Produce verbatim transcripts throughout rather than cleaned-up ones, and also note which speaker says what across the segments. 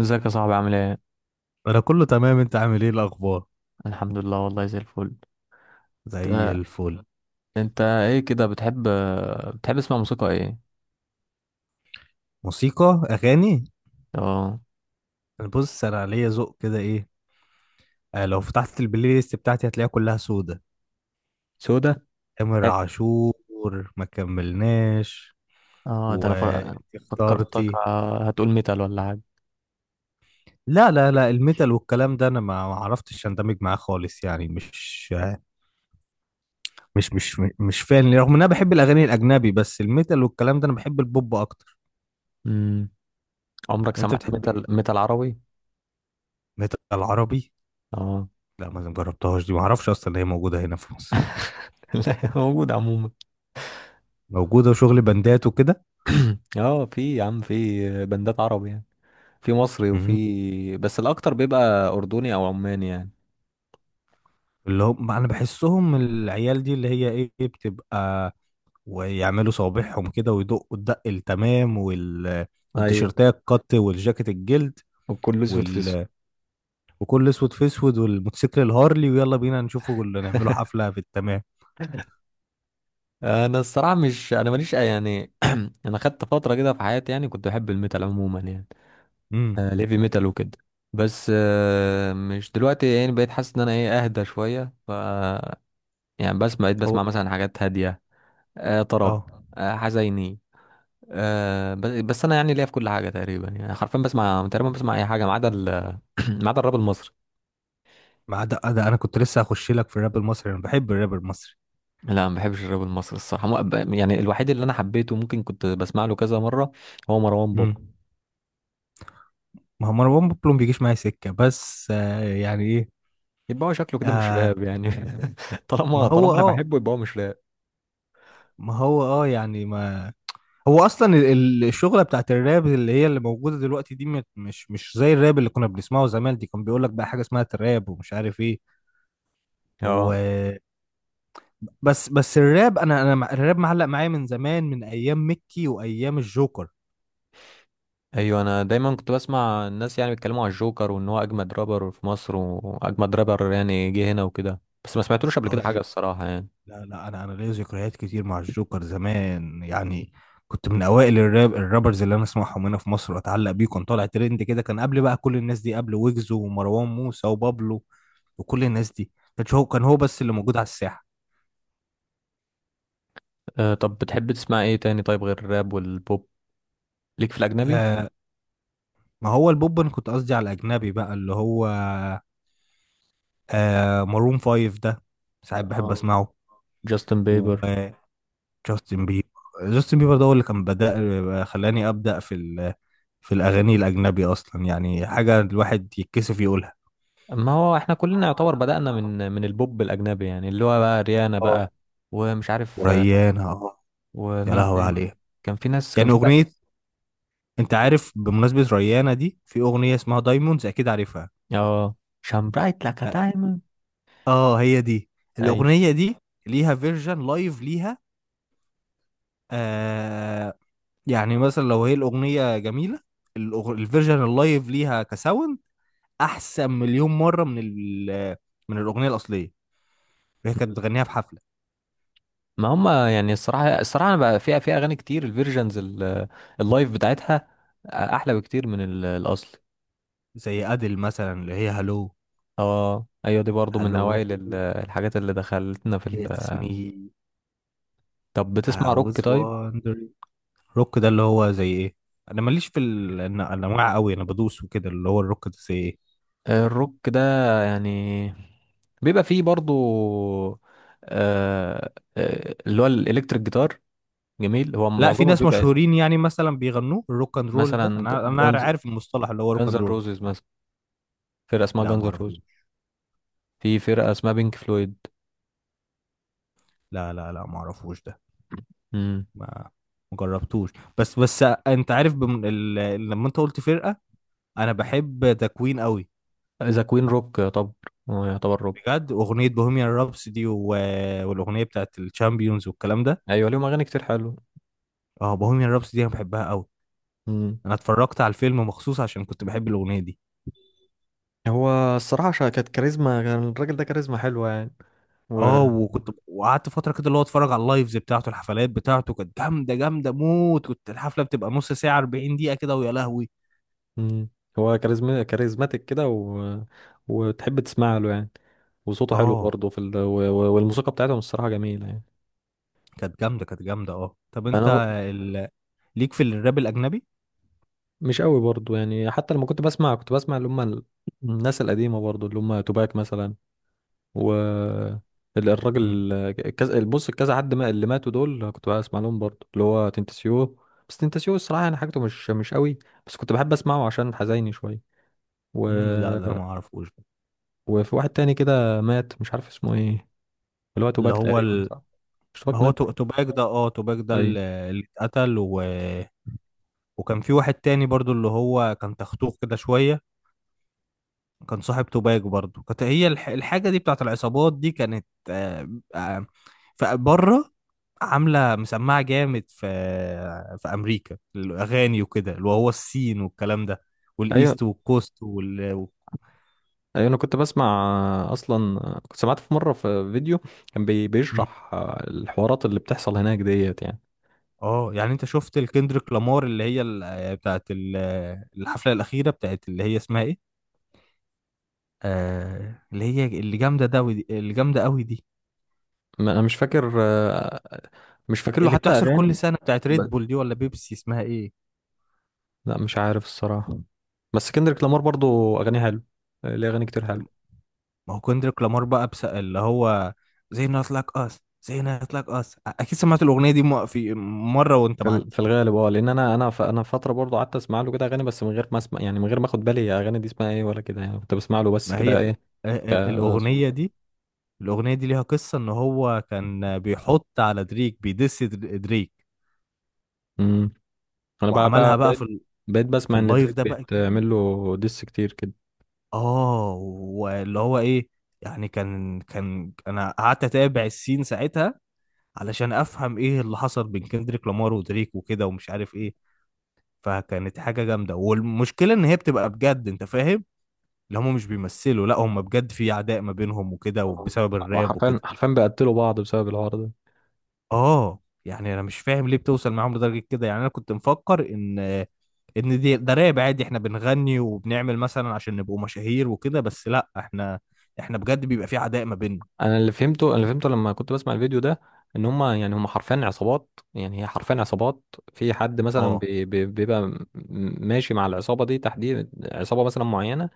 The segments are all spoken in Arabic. Speaker 1: ازيك يا صاحبي عامل ايه؟
Speaker 2: انا كله تمام. انت عامل ايه الاخبار؟
Speaker 1: الحمد لله والله زي الفل.
Speaker 2: زي
Speaker 1: آه،
Speaker 2: الفل.
Speaker 1: انت ايه كده بتحب آه، بتحب تسمع موسيقى ايه؟
Speaker 2: موسيقى اغاني.
Speaker 1: اه.
Speaker 2: انا بص، انا ليا ذوق كده، ايه آه، لو فتحت البلاي ليست بتاعتي هتلاقيها كلها سودة.
Speaker 1: سودا.
Speaker 2: تامر عاشور. ما كملناش.
Speaker 1: اه ده انا ف- فكرتك
Speaker 2: واختارتي.
Speaker 1: آه، هتقول ميتال ولا حاجة.
Speaker 2: لا لا لا، الميتال والكلام ده انا ما ما عرفتش اندمج معاه خالص، يعني مش مش مش مش فان، رغم ان انا بحب الاغاني الاجنبي، بس الميتال والكلام ده انا بحب البوب اكتر.
Speaker 1: امم عمرك
Speaker 2: انت
Speaker 1: سمعت
Speaker 2: بتحب
Speaker 1: ميتال
Speaker 2: ايه؟
Speaker 1: ميتال عربي؟
Speaker 2: ميتال عربي؟
Speaker 1: اه.
Speaker 2: لا، ما جربتهاش دي، ما اعرفش اصلا ان هي موجودة هنا في مصر.
Speaker 1: لا موجود عموما.
Speaker 2: موجوده وشغل بندات وكده.
Speaker 1: اه في يا عم في بندات عربي يعني، في مصري
Speaker 2: مم.
Speaker 1: وفي بس الاكتر بيبقى اردني او عماني يعني.
Speaker 2: اللي هم انا بحسهم العيال دي اللي هي ايه بتبقى، ويعملوا صوابعهم كده ويدقوا الدق التمام، وال
Speaker 1: ايوه
Speaker 2: والتيشيرتات القط والجاكيت الجلد
Speaker 1: وكله اسود في اسود.
Speaker 2: وال... وكل اسود في اسود، والموتوسيكل الهارلي، ويلا بينا نشوفه اللي نعمله حفله في التمام.
Speaker 1: انا الصراحه مش انا ماليش أي- يعني، انا خدت فتره كده في حياتي يعني كنت بحب الميتال عموما يعني،
Speaker 2: امم
Speaker 1: آه، ليفي ميتال وكده. بس آه، مش دلوقتي يعني بقيت حاسس ان انا ايه اهدى شويه ف يعني بسمع بقيت
Speaker 2: هو
Speaker 1: بسمع مثلا حاجات هاديه، آه، طرب،
Speaker 2: اه.
Speaker 1: آه، حزيني. آه، بس بس انا يعني ليا في كل حاجه تقريبا، يعني حرفيا بسمع تقريبا بسمع اي حاجه ما عدا ال- ما عدا الراب المصري.
Speaker 2: مع ده، ده انا كنت لسه هخش لك في الراب المصري، انا بحب الراب المصري.
Speaker 1: لا ما بحبش الراب المصري الصراحه مو- يعني الوحيد اللي انا حبيته ممكن كنت بسمع له كذا مره هو مروان بابلو.
Speaker 2: امم. ما هو مروان بابلو ما بيجيش معايا سكه، بس آه يعني ايه.
Speaker 1: يبقى هو شكله كده مش
Speaker 2: آه.
Speaker 1: راب يعني.
Speaker 2: ما
Speaker 1: طالما
Speaker 2: هو
Speaker 1: طالما انا
Speaker 2: اه،
Speaker 1: بحبه يبقى هو مش راب.
Speaker 2: ما هو اه يعني، ما هو اصلا ال- ال- الشغله بتاعت الراب اللي هي اللي موجوده دلوقتي دي، مت- مش مش زي الراب اللي كنا بنسمعه زمان. دي كان بيقول لك بقى حاجه اسمها تراب، ومش عارف ايه. و
Speaker 1: اه.
Speaker 2: بس بس الراب، انا انا مع- الراب معلق معايا من زمان، من ايام ميكي وايام الجوكر.
Speaker 1: ايوه انا دايما كنت بسمع الناس يعني بيتكلموا على الجوكر وان هو اجمد رابر في مصر واجمد رابر يعني جه هنا وكده، بس ما سمعتلوش قبل كده
Speaker 2: اهو.
Speaker 1: حاجه الصراحه يعني.
Speaker 2: لا لا، انا انا ليا ذكريات كتير مع الجوكر زمان يعني. كنت من اوائل الراب، الرابرز اللي انا اسمعهم هنا في مصر واتعلق بيه، كان طالع ترند كده، كان قبل بقى كل الناس دي، قبل ويجز ومروان موسى وبابلو وكل الناس دي. كان هو كان هو بس اللي موجود على الساحه.
Speaker 1: أه طب بتحب تسمع ايه تاني طيب غير الراب والبوب؟ ليك في الاجنبي؟
Speaker 2: آه. ما هو البوب انا كنت قصدي على الاجنبي بقى، اللي هو آه مارون فايف ده، ساعات بحب
Speaker 1: اه
Speaker 2: اسمعه.
Speaker 1: جاستن بيبر.
Speaker 2: وجاستن بيبر. جاستن بيبر ده هو اللي كان بدأ، آه، خلاني ابدأ في في الأغاني الأجنبي أصلا، يعني حاجة الواحد يتكسف يقولها.
Speaker 1: ما هو احنا
Speaker 2: ما
Speaker 1: كلنا
Speaker 2: هو
Speaker 1: يعتبر
Speaker 2: احنا كلنا
Speaker 1: بدأنا
Speaker 2: يعتبر.
Speaker 1: من من البوب الاجنبي، يعني اللي هو بقى ريانا
Speaker 2: اه.
Speaker 1: بقى ومش عارف، آه،
Speaker 2: وريانة اه. يا
Speaker 1: ومين
Speaker 2: لهوي
Speaker 1: تاني؟
Speaker 2: عليها.
Speaker 1: كان في ناس كان
Speaker 2: يعني
Speaker 1: في بقى.
Speaker 2: أغنية، أنت عارف بمناسبة ريانة دي، في أغنية اسمها دايموندز أكيد عارفها.
Speaker 1: اه شان برايت لايك
Speaker 2: اه.
Speaker 1: دايموند.
Speaker 2: آه، هي دي الأغنية دي. ليها فيرجن لايف ليها. آه. يعني مثلا لو هي الأغنية جميلة، الأغ- الفيرجن اللايف ليها كساوند أحسن مليون مرة من ال- من الأغنية الأصلية. هي كانت بتغنيها في حفلة.
Speaker 1: ما هم يعني الصراحة الصراحة أنا بقى فيها في أغاني كتير الفيرجنز اللايف بتاعتها أحلى بكتير من ال- الأصل.
Speaker 2: زي أديل مثلا اللي هي هالو.
Speaker 1: اه أيوة دي برضو من
Speaker 2: hello,
Speaker 1: أوائل ال- الحاجات اللي دخلتنا في ال...
Speaker 2: it's me,
Speaker 1: طب بتسمع
Speaker 2: I
Speaker 1: روك
Speaker 2: was
Speaker 1: طيب؟
Speaker 2: wondering. روك ده اللي هو زي ايه؟ انا ماليش في ال- الن- الانواع قوي، انا بدوس وكده. اللي هو الروك ده زي ايه؟
Speaker 1: الروك ده يعني بيبقى فيه برضو، آه آه، اللي هو الإلكتريك جيتار. جميل هو
Speaker 2: لا في
Speaker 1: معظمه
Speaker 2: ناس
Speaker 1: بيبقى
Speaker 2: مشهورين يعني مثلا بيغنوه، الروك اند رول ده
Speaker 1: مثلا
Speaker 2: انا انا
Speaker 1: جانز،
Speaker 2: عارف المصطلح، اللي هو روك
Speaker 1: جانز
Speaker 2: اند رول.
Speaker 1: روزز مثلا. فرقة اسمها
Speaker 2: لا
Speaker 1: جانز
Speaker 2: ما اعرفوش.
Speaker 1: روز. في فرقة اسمها بينك فلويد.
Speaker 2: لا لا لا، ما اعرفوش ده. ما ما جربتوش. بس بس، انت عارف بم... ال... لما انت قلت فرقة، انا بحب ذا كوين قوي.
Speaker 1: ذا كوين روك طب، هو يعتبر روك.
Speaker 2: بجد اغنية بوهيميان رابس دي و... والاغنية بتاعت الشامبيونز والكلام ده.
Speaker 1: ايوه ليهم اغاني كتير حلوه.
Speaker 2: اه بوهيميان رابس دي انا بحبها قوي.
Speaker 1: امم
Speaker 2: انا اتفرجت على الفيلم مخصوص عشان كنت بحب الاغنيه دي.
Speaker 1: هو الصراحه شا- كانت كاريزما، كان الراجل ده كاريزما حلوه يعني و
Speaker 2: اه، وكنت وقعدت فتره كده اللي هو اتفرج على اللايفز بتاعته، الحفلات بتاعته كانت جامده، جامده موت، كنت الحفله بتبقى نص ساعه أربعين دقيقه كده، ويا لهوي.
Speaker 1: مم. هو كاريزما كاريزماتيك كده و... وتحب تسمع له يعني، وصوته حلو
Speaker 2: اه
Speaker 1: برضه في ال... و... و- والموسيقى بتاعتهم الصراحه جميله يعني.
Speaker 2: كانت جامده كانت جامده. اه طب
Speaker 1: انا
Speaker 2: انت
Speaker 1: ب-
Speaker 2: ال... ليك في الراب الاجنبي؟
Speaker 1: مش قوي برضه يعني، حتى لما كنت بسمع كنت بسمع اللي هم ال- الناس القديمه برضه اللي هم توباك مثلا، و ال-
Speaker 2: امم.
Speaker 1: الراجل كذا بص كذا حد ما اللي ماتوا دول كنت بسمع لهم برضه اللي هو تنتسيو. بس تنتسيو الصراحة يعني حاجته مش مش قوي، بس كنت بحب اسمعه عشان حزيني شوية و...
Speaker 2: امم. لا ده انا ما اعرفوش ده.
Speaker 1: وفي واحد تاني كده مات مش عارف اسمه ايه، اللي هو
Speaker 2: اللي
Speaker 1: توباك
Speaker 2: هو
Speaker 1: تقريبا
Speaker 2: ال...
Speaker 1: صح؟ مش
Speaker 2: ما
Speaker 1: توباك
Speaker 2: هو
Speaker 1: مات؟
Speaker 2: تو- توباك ده، اه توباك ده
Speaker 1: ايوه
Speaker 2: اللي اللي اتقتل و... وكان في واحد تاني برضو اللي هو كان تختوخ كده شويه، كان صاحب توباجو برضو. كانت هي الح- الحاجة دي بتاعت العصابات دي كانت آه، آه، فبره عاملة مسمعة جامد في في أمريكا. الأغاني وكده اللي هو السين والكلام ده،
Speaker 1: ايوه.
Speaker 2: والإيست والكوست وال و-
Speaker 1: ايوه انا كنت بسمع اصلا، كنت سمعت في مرة في فيديو كان بي...
Speaker 2: مم.
Speaker 1: بيشرح الحوارات اللي بتحصل هناك ديت يعني.
Speaker 2: اه يعني انت شفت الكندريك لامار اللي هي ال- آه، بتاعت ال- آه، الحفلة الأخيرة بتاعت اللي هي اسمها ايه، آه اللي هي اللي جامدة ده ودي- اللي جامدة قوي دي،
Speaker 1: ما- انا مش فاكر، مش فاكر له
Speaker 2: اللي
Speaker 1: حتى
Speaker 2: بتحصل كل
Speaker 1: اغاني.
Speaker 2: سنة، بتاعت ريد بول دي ولا بيبسي، اسمها ايه؟
Speaker 1: لا مش عارف الصراحة، بس كندريك لامار برضو أغانيه حلو، ليه أغاني كتير حلو.
Speaker 2: ما هو كندريك لامار بقى، بس اللي هو زي نوت لايك اس. زي نوت لايك اس اكيد سمعت الاغنيه دي م- في مره وانت
Speaker 1: في ال- في
Speaker 2: معدي.
Speaker 1: الغالب اه، لأن أنا أنا ف- أنا فترة برضو قعدت أسمع له كده أغاني بس من غير ما أسمع يعني، من غير ما أخد بالي هي أغاني دي اسمها إيه ولا كده، يعني كنت بسمع له بس
Speaker 2: ما هي
Speaker 1: كده
Speaker 2: آه،
Speaker 1: إيه
Speaker 2: آه،
Speaker 1: كصوت
Speaker 2: الاغنيه
Speaker 1: يعني.
Speaker 2: دي، الاغنيه دي ليها قصه ان هو كان بيحط على دريك، بيدس در- دريك،
Speaker 1: امم أنا بقى بقى
Speaker 2: وعملها بقى في
Speaker 1: بقيت
Speaker 2: ال-
Speaker 1: بقيت
Speaker 2: في
Speaker 1: بسمع إن
Speaker 2: اللايف
Speaker 1: دريك
Speaker 2: ده بقى جامد.
Speaker 1: بيتعمل له ديس كتير كده.
Speaker 2: اه واللي هو ايه، يعني كان كان انا قعدت اتابع السين ساعتها علشان افهم ايه اللي حصل بين كندريك لامار ودريك وكده، ومش عارف ايه. فكانت حاجة جامدة، والمشكلة ان هي بتبقى بجد، انت فاهم، اللي هم مش بيمثلوا، لا هم بجد في عداء ما بينهم وكده،
Speaker 1: آه.
Speaker 2: وبسبب الراب
Speaker 1: وحرفيا
Speaker 2: وكده.
Speaker 1: حرفيا بيقتلوا بعض بسبب الحوار ده.
Speaker 2: اه يعني انا مش فاهم ليه بتوصل معاهم لدرجة كده، يعني انا كنت مفكر ان ان دي ده راب عادي، احنا بنغني وبنعمل مثلا عشان نبقوا مشاهير وكده، بس لا، احنا احنا بجد بيبقى في عداء ما بيننا.
Speaker 1: انا اللي فهمته، انا اللي فهمته لما كنت بسمع الفيديو ده ان هم يعني هم حرفيا عصابات، يعني هي حرفيا عصابات. في حد مثلا
Speaker 2: اه.
Speaker 1: بي- بي- بيبقى م- ماشي مع العصابه دي تحديد، عصابه مثلا معينه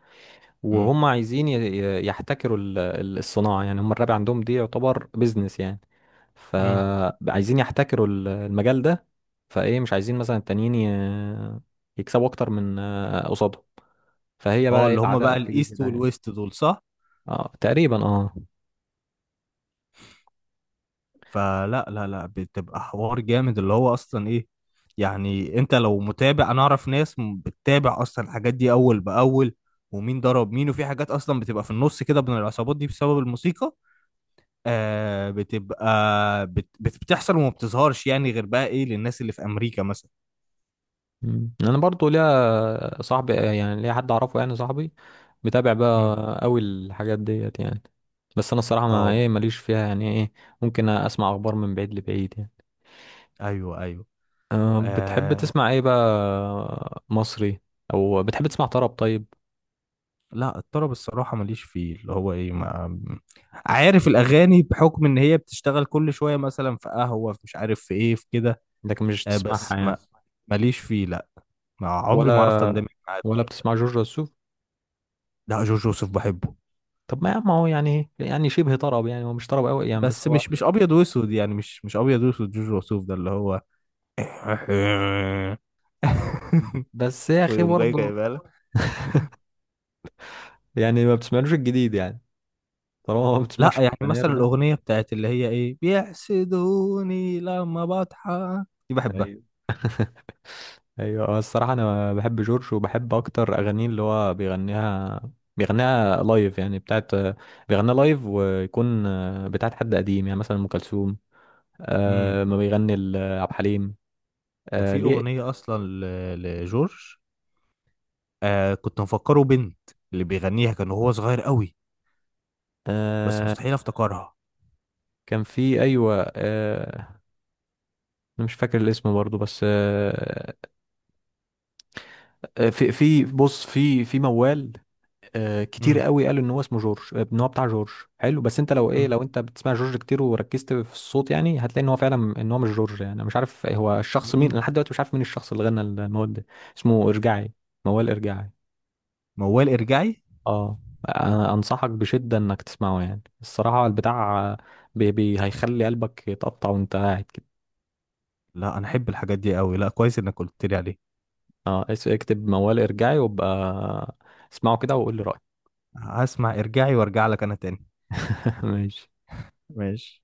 Speaker 2: امم.
Speaker 1: وهم عايزين ي- ي- يحتكروا ال- ال- الصناعه، يعني هم الراب عندهم دي يعتبر بيزنس يعني،
Speaker 2: امم.
Speaker 1: فعايزين يحتكروا ال- المجال ده. فايه مش عايزين مثلا التانيين ي- يكسبوا اكتر من آه، قصادهم. فهي
Speaker 2: اه
Speaker 1: بقى ايه
Speaker 2: اللي هم
Speaker 1: العداء
Speaker 2: بقى
Speaker 1: بتيجي
Speaker 2: الايست
Speaker 1: كده يعني.
Speaker 2: والويست دول صح.
Speaker 1: اه تقريبا اه.
Speaker 2: فلا لا لا بتبقى حوار جامد، اللي هو اصلا ايه، يعني انت لو متابع، انا اعرف ناس م- بتتابع اصلا الحاجات دي اول باول، ومين ضرب مين، وفي حاجات اصلا بتبقى في النص كده بين العصابات دي بسبب الموسيقى آه، بتبقى بت بت- بتحصل وما بتظهرش يعني غير بقى ايه للناس اللي في امريكا مثلا.
Speaker 1: مم. انا برضو ليا صاحبي، يعني ليا حد اعرفه يعني، صاحبي متابع
Speaker 2: مم.
Speaker 1: بقى قوي الحاجات ديت يعني. بس انا الصراحه ما
Speaker 2: اه.
Speaker 1: ايه ماليش فيها يعني ايه، ممكن اسمع اخبار من بعيد لبعيد يعني.
Speaker 2: ايوه ايوه.
Speaker 1: أه بتحب
Speaker 2: آه.
Speaker 1: تسمع ايه بقى مصري؟ او بتحب تسمع طرب طيب؟
Speaker 2: لا الطرب الصراحة ماليش فيه، اللي هو ايه، ما عارف الاغاني بحكم ان هي بتشتغل كل شوية، مثلا في قهوة، في مش عارف في ايه، في كده.
Speaker 1: لكن مش
Speaker 2: آه، بس
Speaker 1: تسمعها
Speaker 2: ما
Speaker 1: يعني؟
Speaker 2: ماليش فيه لا، ما عمري ما عرفت
Speaker 1: ولا
Speaker 2: اندمج معاه
Speaker 1: ولا
Speaker 2: بصراحة.
Speaker 1: بتسمع جورج وسوف؟
Speaker 2: لا جورج وسوف بحبه.
Speaker 1: طب ما يا عم هو يعني يعني شبه طرب يعني، هو مش طرب قوي يعني بس
Speaker 2: بس
Speaker 1: هو،
Speaker 2: مش مش ابيض واسود يعني، مش مش ابيض واسود جورج وسوف ده اللي هو
Speaker 1: بس يا اخي
Speaker 2: ويقوم جاي
Speaker 1: برضه
Speaker 2: جايبها لك.
Speaker 1: يعني ما بتسمعلوش الجديد يعني؟ طالما ما
Speaker 2: لا
Speaker 1: بتسمعش
Speaker 2: يعني
Speaker 1: الفنير
Speaker 2: مثلا
Speaker 1: ده.
Speaker 2: الاغنيه بتاعت اللي هي ايه، بيحسدوني لما بضحك دي، بحبها.
Speaker 1: ايوه ايوه. هو الصراحه انا بحب جورج، وبحب اكتر اغانيه اللي هو بيغنيها، بيغنيها لايف يعني، بتاعت بيغنيها لايف ويكون بتاعت حد قديم يعني مثلا ام كلثوم،
Speaker 2: امم.
Speaker 1: آه ما بيغني ل- عبد الحليم.
Speaker 2: ده
Speaker 1: آه
Speaker 2: في
Speaker 1: ليه.
Speaker 2: اغنيه اصلا ل- لجورج، آه كنت مفكره بنت، اللي بيغنيها كان هو صغير قوي، بس
Speaker 1: آه
Speaker 2: مستحيل افتكرها.
Speaker 1: كان في ايوه آه، انا مش فاكر الاسم برضو بس آه، آه، في في بص في في موال، آه، كتير
Speaker 2: امم.
Speaker 1: قوي قالوا ان هو اسمه جورج، آه، ان هو بتاع جورج. حلو بس انت لو ايه، لو انت بتسمع جورج كتير وركزت في الصوت يعني هتلاقي ان هو فعلا ان هو مش جورج، يعني انا مش عارف هو الشخص مين، انا
Speaker 2: امم.
Speaker 1: لحد دلوقتي مش عارف مين الشخص اللي غنى المواد ده. اسمه ارجعي، موال ارجعي.
Speaker 2: موال ارجعي.
Speaker 1: اه. انا انصحك بشدة انك تسمعه يعني، الصراحة البتاع بي بي هيخلي قلبك يتقطع وانت قاعد كده.
Speaker 2: لا انا احب الحاجات دي قوي، لا كويس انك قلت لي عليه.
Speaker 1: اه اس- اكتب موال ارجعي وابقى اسمعه كده وقول لي رأيك.
Speaker 2: هسمع ارجعي وارجع لك انا تاني.
Speaker 1: ماشي.
Speaker 2: ماشي.